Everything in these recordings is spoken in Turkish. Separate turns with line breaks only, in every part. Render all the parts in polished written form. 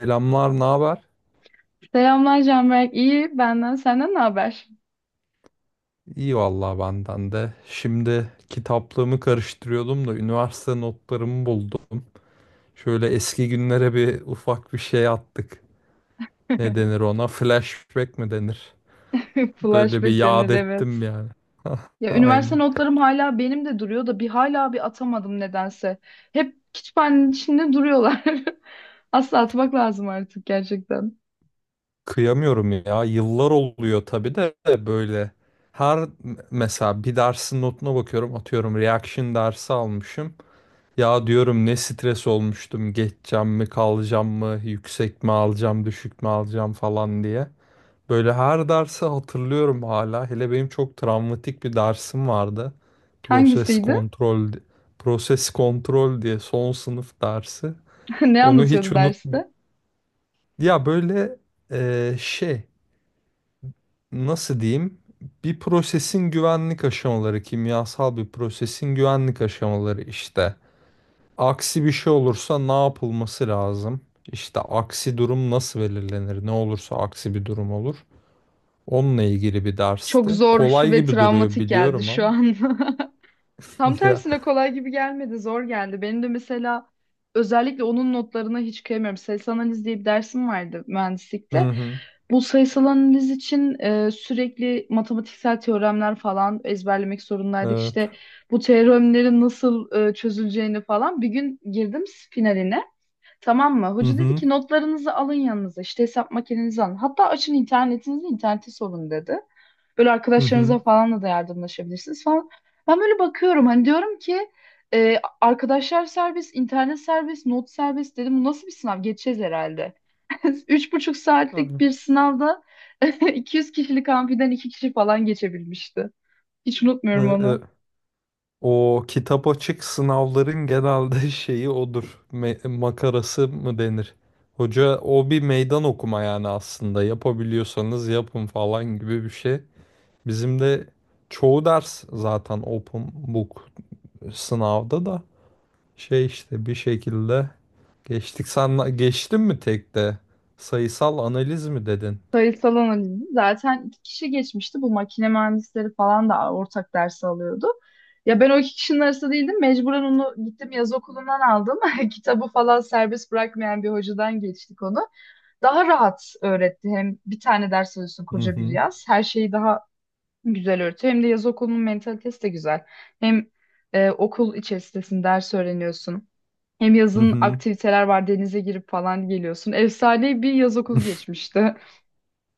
Selamlar, ne haber?
Selamlar Canberk. İyi benden. Senden ne haber?
İyi vallahi benden de. Şimdi kitaplığımı karıştırıyordum da üniversite notlarımı buldum. Şöyle eski günlere bir ufak bir şey attık. Ne denir ona? Flashback mi denir? Böyle bir
Flashback
yad
denir,
ettim
evet.
yani.
Ya üniversite
Aynen.
notlarım hala benim de duruyor da bir atamadım nedense. Hep kütüphanenin içinde duruyorlar. Asla atmak lazım artık gerçekten.
Kıyamıyorum ya. Yıllar oluyor tabii de böyle. Her Mesela bir dersin notuna bakıyorum. Atıyorum reaction dersi almışım. Ya diyorum ne stres olmuştum. Geçeceğim mi, kalacağım mı, yüksek mi alacağım, düşük mü alacağım falan diye. Böyle her dersi hatırlıyorum hala. Hele benim çok travmatik bir dersim vardı. Proses
Hangisiydi?
kontrol, Proses kontrol diye son sınıf dersi.
Ne
Onu hiç
anlatıyordu derste?
unutmuyorum. Ya böyle şey, nasıl diyeyim? Bir prosesin güvenlik aşamaları, kimyasal bir prosesin güvenlik aşamaları işte. Aksi bir şey olursa ne yapılması lazım? İşte aksi durum nasıl belirlenir? Ne olursa aksi bir durum olur. Onunla ilgili bir
Çok
dersti.
zor
Kolay
ve
gibi duruyor
travmatik geldi
biliyorum
şu
ama.
an. Tam
Ya.
tersine kolay gibi gelmedi, zor geldi. Benim de mesela özellikle onun notlarına hiç kıyamıyorum. Sayısal analiz diye bir dersim vardı
Hı
mühendislikte.
hı.
Bu sayısal analiz için sürekli matematiksel teoremler falan ezberlemek zorundaydık.
Evet.
İşte bu teoremlerin nasıl çözüleceğini falan. Bir gün girdim finaline. Tamam mı?
Hı
Hoca dedi
hı.
ki notlarınızı alın yanınıza. İşte hesap makinenizi alın. Hatta açın internetinizi, interneti sorun dedi. Böyle
Hı
arkadaşlarınıza
hı.
falan da yardımlaşabilirsiniz falan. Ben böyle bakıyorum, hani diyorum ki arkadaşlar serbest, internet serbest, not serbest dedim. Bu nasıl bir sınav? Geçeceğiz herhalde. Üç buçuk saatlik
Hı.
bir sınavda 200 kişilik amfiden iki kişi falan geçebilmişti. Hiç
Hı,
unutmuyorum onu.
hı. O kitap açık sınavların genelde şeyi odur. Makarası mı denir? Hoca o bir meydan okuma yani aslında. Yapabiliyorsanız yapın falan gibi bir şey. Bizim de çoğu ders zaten open book sınavda da şey işte bir şekilde geçtik. Sen geçtin mi tek de? Sayısal analiz mi dedin?
Sayısal analizi zaten iki kişi geçmişti. Bu makine mühendisleri falan da ortak ders alıyordu. Ya ben o iki kişinin arasında değildim. Mecburen onu gittim yaz okulundan aldım. Kitabı falan serbest bırakmayan bir hocadan geçtik onu. Daha rahat öğretti. Hem bir tane ders alıyorsun
Hı
koca bir
hı.
yaz. Her şeyi daha güzel öğretiyor. Hem de yaz okulunun mentalitesi de güzel. Hem okul içerisinde ders öğreniyorsun. Hem
Hı
yazın
hı.
aktiviteler var, denize girip falan geliyorsun. Efsane bir yaz okulu geçmişti.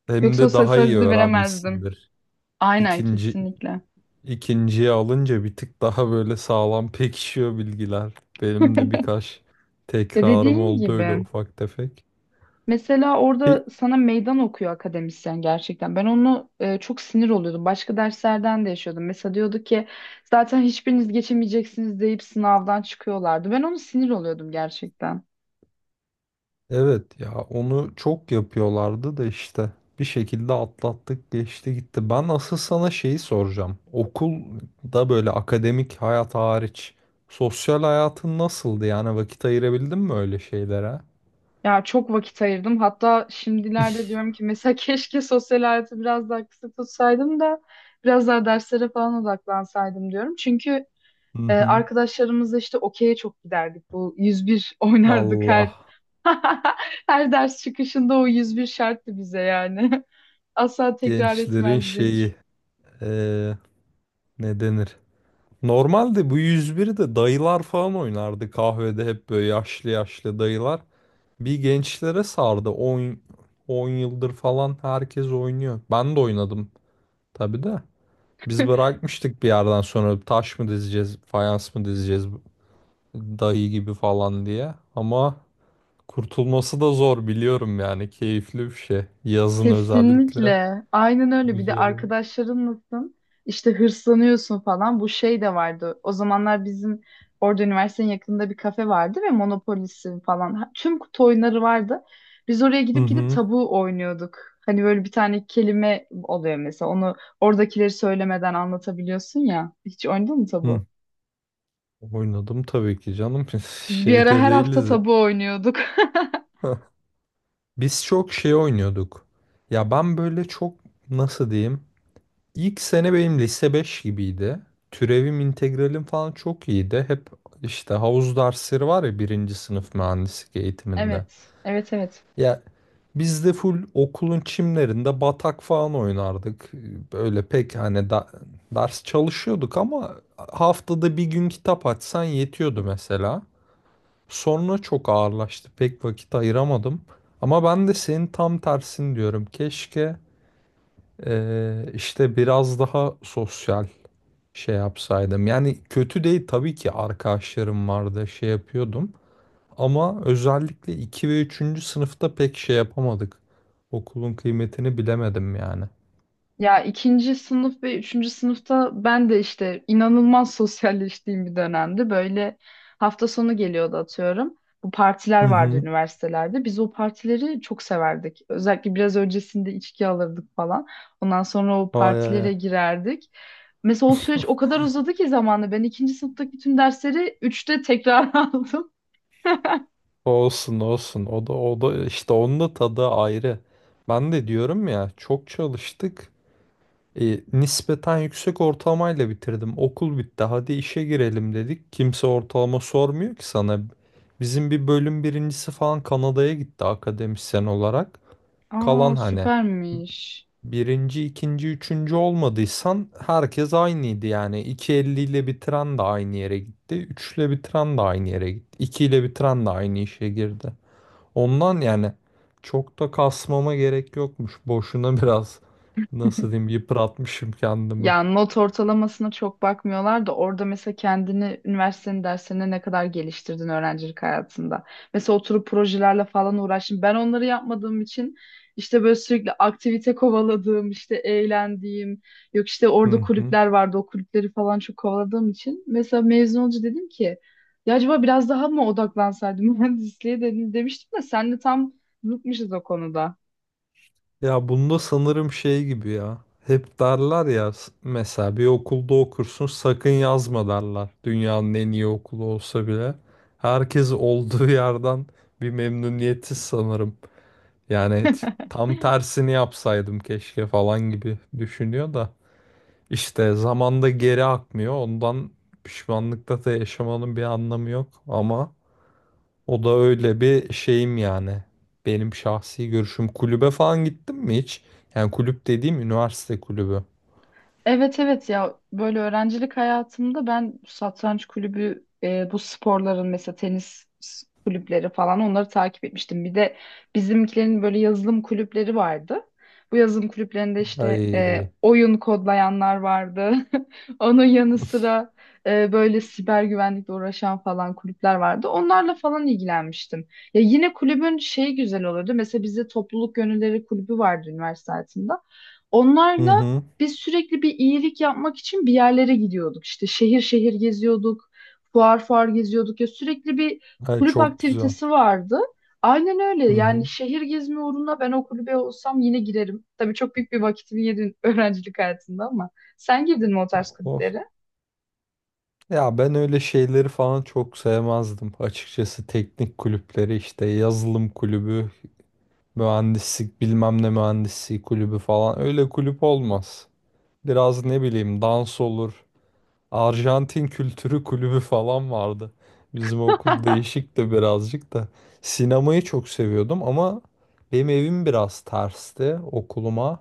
Hem
Yoksa o
de
ses
daha iyi
hızlı veremezdim.
öğrenmişsindir.
Aynen,
İkinci
kesinlikle.
ikinciye alınca bir tık daha böyle sağlam pekişiyor bilgiler. Benim de birkaç
Ya
tekrarım
dediğin
oldu öyle
gibi
ufak tefek.
mesela
Pe-
orada sana meydan okuyor akademisyen gerçekten. Ben onu çok sinir oluyordum. Başka derslerden de yaşıyordum. Mesela diyordu ki zaten hiçbiriniz geçemeyeceksiniz deyip sınavdan çıkıyorlardı. Ben onu sinir oluyordum gerçekten.
Evet ya, onu çok yapıyorlardı da işte bir şekilde atlattık, geçti gitti. Ben asıl sana şeyi soracağım. Okulda böyle akademik hayat hariç sosyal hayatın nasıldı, yani vakit ayırabildin mi öyle şeylere?
Ya çok vakit ayırdım. Hatta şimdilerde diyorum ki mesela keşke sosyal hayatı biraz daha kısa tutsaydım da biraz daha derslere falan odaklansaydım diyorum. Çünkü
Hı hı.
Arkadaşlarımızla işte okey'e çok giderdik. Bu 101 oynardık, her
Allah
her ders çıkışında o 101 şarttı bize yani. Asla tekrar
gençlerin
etmezdik.
şeyi, eee, ne denir? Normalde bu 101'i de dayılar falan oynardı kahvede, hep böyle yaşlı yaşlı dayılar. Bir gençlere sardı. 10 yıldır falan herkes oynuyor. Ben de oynadım tabii de. Biz bırakmıştık bir yerden sonra, taş mı dizeceğiz, fayans mı dizeceğiz dayı gibi falan diye. Ama kurtulması da zor biliyorum yani. Keyifli bir şey. Yazın özellikle.
Kesinlikle. Aynen öyle. Bir de
Güzel oluyor.
arkadaşların nasıl? İşte hırslanıyorsun falan. Bu şey de vardı. O zamanlar bizim orada üniversitenin yakınında bir kafe vardı ve Monopolis'in falan. Tüm kutu oyunları vardı. Biz oraya
Hı
gidip gidip
hı.
tabu oynuyorduk. Hani böyle bir tane kelime oluyor mesela. Onu oradakileri söylemeden anlatabiliyorsun ya. Hiç oynadın mı
Hı.
tabu?
Oynadım tabii ki canım. Biz
Biz bir ara
şeyde
her hafta
değiliz.
tabu oynuyorduk.
Biz çok şey oynuyorduk. Ya ben böyle çok, nasıl diyeyim? İlk sene benim lise 5 gibiydi. Türevim, integralim falan çok iyiydi. Hep işte havuz dersleri var ya birinci sınıf mühendislik eğitiminde.
Evet. Evet, evet.
Ya biz de full okulun çimlerinde batak falan oynardık. Böyle pek hani ders çalışıyorduk ama haftada bir gün kitap açsan yetiyordu mesela. Sonra çok ağırlaştı. Pek vakit ayıramadım. Ama ben de senin tam tersin diyorum. Keşke işte biraz daha sosyal şey yapsaydım. Yani kötü değil tabii ki, arkadaşlarım vardı, şey yapıyordum. Ama özellikle 2 ve üçüncü sınıfta pek şey yapamadık. Okulun kıymetini bilemedim yani.
Ya ikinci sınıf ve üçüncü sınıfta ben de işte inanılmaz sosyalleştiğim bir dönemdi. Böyle hafta sonu geliyordu atıyorum. Bu partiler
Hı
vardı
hı.
üniversitelerde. Biz o partileri çok severdik. Özellikle biraz öncesinde içki alırdık falan. Ondan sonra o
Ay, ay,
partilere
ay.
girerdik. Mesela o süreç o kadar uzadı ki zamanla ben ikinci sınıftaki tüm dersleri üçte tekrar aldım.
Olsun olsun. O da, o da işte, onun da tadı ayrı. Ben de diyorum ya, çok çalıştık. E, nispeten yüksek ortalamayla bitirdim. Okul bitti. Hadi işe girelim dedik. Kimse ortalama sormuyor ki sana. Bizim bir bölüm birincisi falan Kanada'ya gitti akademisyen olarak.
Aa,
Kalan hani
süpermiş.
birinci, ikinci, üçüncü olmadıysan herkes aynıydı yani. İki elli ile bitiren de aynı yere gitti. 3 ile bitiren de aynı yere gitti. 2 ile bitiren de aynı işe girdi. Ondan yani çok da kasmama gerek yokmuş. Boşuna biraz, nasıl diyeyim, yıpratmışım kendimi.
Yani not ortalamasına çok bakmıyorlar da orada mesela kendini üniversitenin derslerine ne kadar geliştirdin öğrencilik hayatında. Mesela oturup projelerle falan uğraştım. Ben onları yapmadığım için işte böyle sürekli aktivite kovaladığım, işte eğlendiğim, yok işte
Hı
orada
hı.
kulüpler vardı o kulüpleri falan çok kovaladığım için. Mesela mezun olunca dedim ki ya acaba biraz daha mı odaklansaydım mühendisliğe dedim, demiştim de senle tam zıtmışız o konuda.
Ya bunda sanırım şey gibi ya. Hep derler ya, mesela bir okulda okursun sakın yazma derler. Dünyanın en iyi okulu olsa bile. Herkes olduğu yerden bir memnuniyetsiz sanırım. Yani tam tersini yapsaydım keşke falan gibi düşünüyor da. İşte zamanda geri akmıyor. Ondan pişmanlıkta da yaşamanın bir anlamı yok. Ama o da öyle bir şeyim yani. Benim şahsi görüşüm. Kulübe falan gittim mi hiç? Yani kulüp dediğim üniversite kulübü.
Evet, evet, ya böyle öğrencilik hayatımda ben satranç kulübü, bu sporların mesela tenis kulüpleri falan onları takip etmiştim. Bir de bizimkilerin böyle yazılım kulüpleri vardı. Bu yazılım kulüplerinde işte
Ay.
oyun kodlayanlar vardı. Onun yanı sıra böyle siber güvenlikle uğraşan falan kulüpler vardı. Onlarla falan ilgilenmiştim. Ya yine kulübün şeyi güzel olurdu. Mesela bizde topluluk gönülleri kulübü vardı üniversite hayatımda.
Hı
Onlarla
hı.
biz sürekli bir iyilik yapmak için bir yerlere gidiyorduk. İşte şehir şehir geziyorduk, fuar fuar geziyorduk, ya sürekli bir
Ay,
kulüp
çok güzel.
aktivitesi vardı. Aynen öyle.
Hı
Yani
hı.
şehir gezme uğruna ben o kulübe olsam yine girerim. Tabii çok büyük bir vakitimi yedin öğrencilik hayatında ama sen girdin mi o
Ya,
tarz kulüplere?
ya ben öyle şeyleri falan çok sevmezdim. Açıkçası teknik kulüpleri, işte yazılım kulübü, mühendislik bilmem ne mühendisliği kulübü falan, öyle kulüp olmaz. Biraz ne bileyim dans olur. Arjantin Kültürü Kulübü falan vardı. Bizim okul değişikti birazcık da. Sinemayı çok seviyordum ama benim evim biraz tersti okuluma.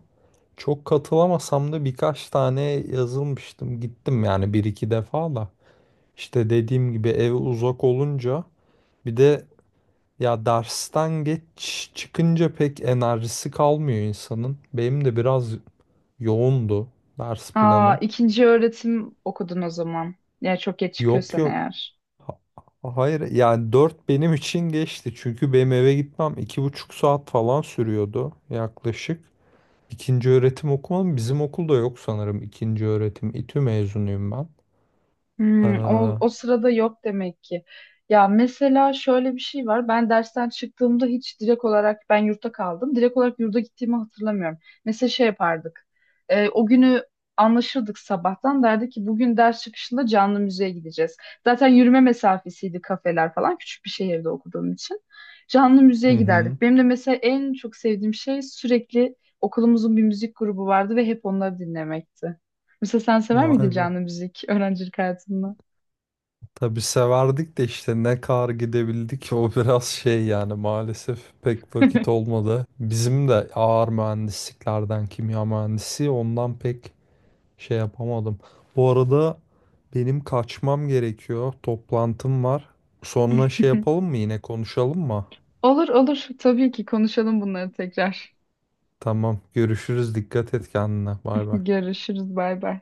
Çok katılamasam da birkaç tane yazılmıştım. Gittim yani bir iki defa da. İşte dediğim gibi ev uzak olunca, bir de ya dersten geç çıkınca pek enerjisi kalmıyor insanın. Benim de biraz yoğundu ders
Aa,
planım.
ikinci öğretim okudun o zaman. Yani çok geç
Yok
çıkıyorsan
yok.
eğer.
Ha- Hayır, yani 4 benim için geçti. Çünkü benim eve gitmem iki buçuk saat falan sürüyordu yaklaşık. İkinci öğretim okumadım. Bizim okulda yok sanırım ikinci öğretim. İTÜ mezunuyum ben.
Hmm,
Ee,
o sırada yok demek ki. Ya mesela şöyle bir şey var. Ben dersten çıktığımda hiç direkt olarak ben yurtta kaldım. Direkt olarak yurda gittiğimi hatırlamıyorum. Mesela şey yapardık. O günü anlaşırdık sabahtan. Derdi ki bugün ders çıkışında canlı müziğe gideceğiz. Zaten yürüme mesafesiydi kafeler falan. Küçük bir şehirde okuduğum için. Canlı
hı
müziğe
hı.
giderdik. Benim de mesela en çok sevdiğim şey sürekli okulumuzun bir müzik grubu vardı ve hep onları dinlemekti. Mesela sen sever miydin
Vay be.
canlı müzik öğrencilik hayatında?
Tabii severdik de işte ne kadar gidebildik o, biraz şey yani, maalesef pek vakit olmadı. Bizim de ağır mühendisliklerden, kimya mühendisi, ondan pek şey yapamadım. Bu arada benim kaçmam gerekiyor. Toplantım var. Sonra şey yapalım mı, yine konuşalım mı?
Olur olur, tabii ki konuşalım bunları tekrar.
Tamam, görüşürüz. Dikkat et kendine. Bay bay.
Görüşürüz, bay bay.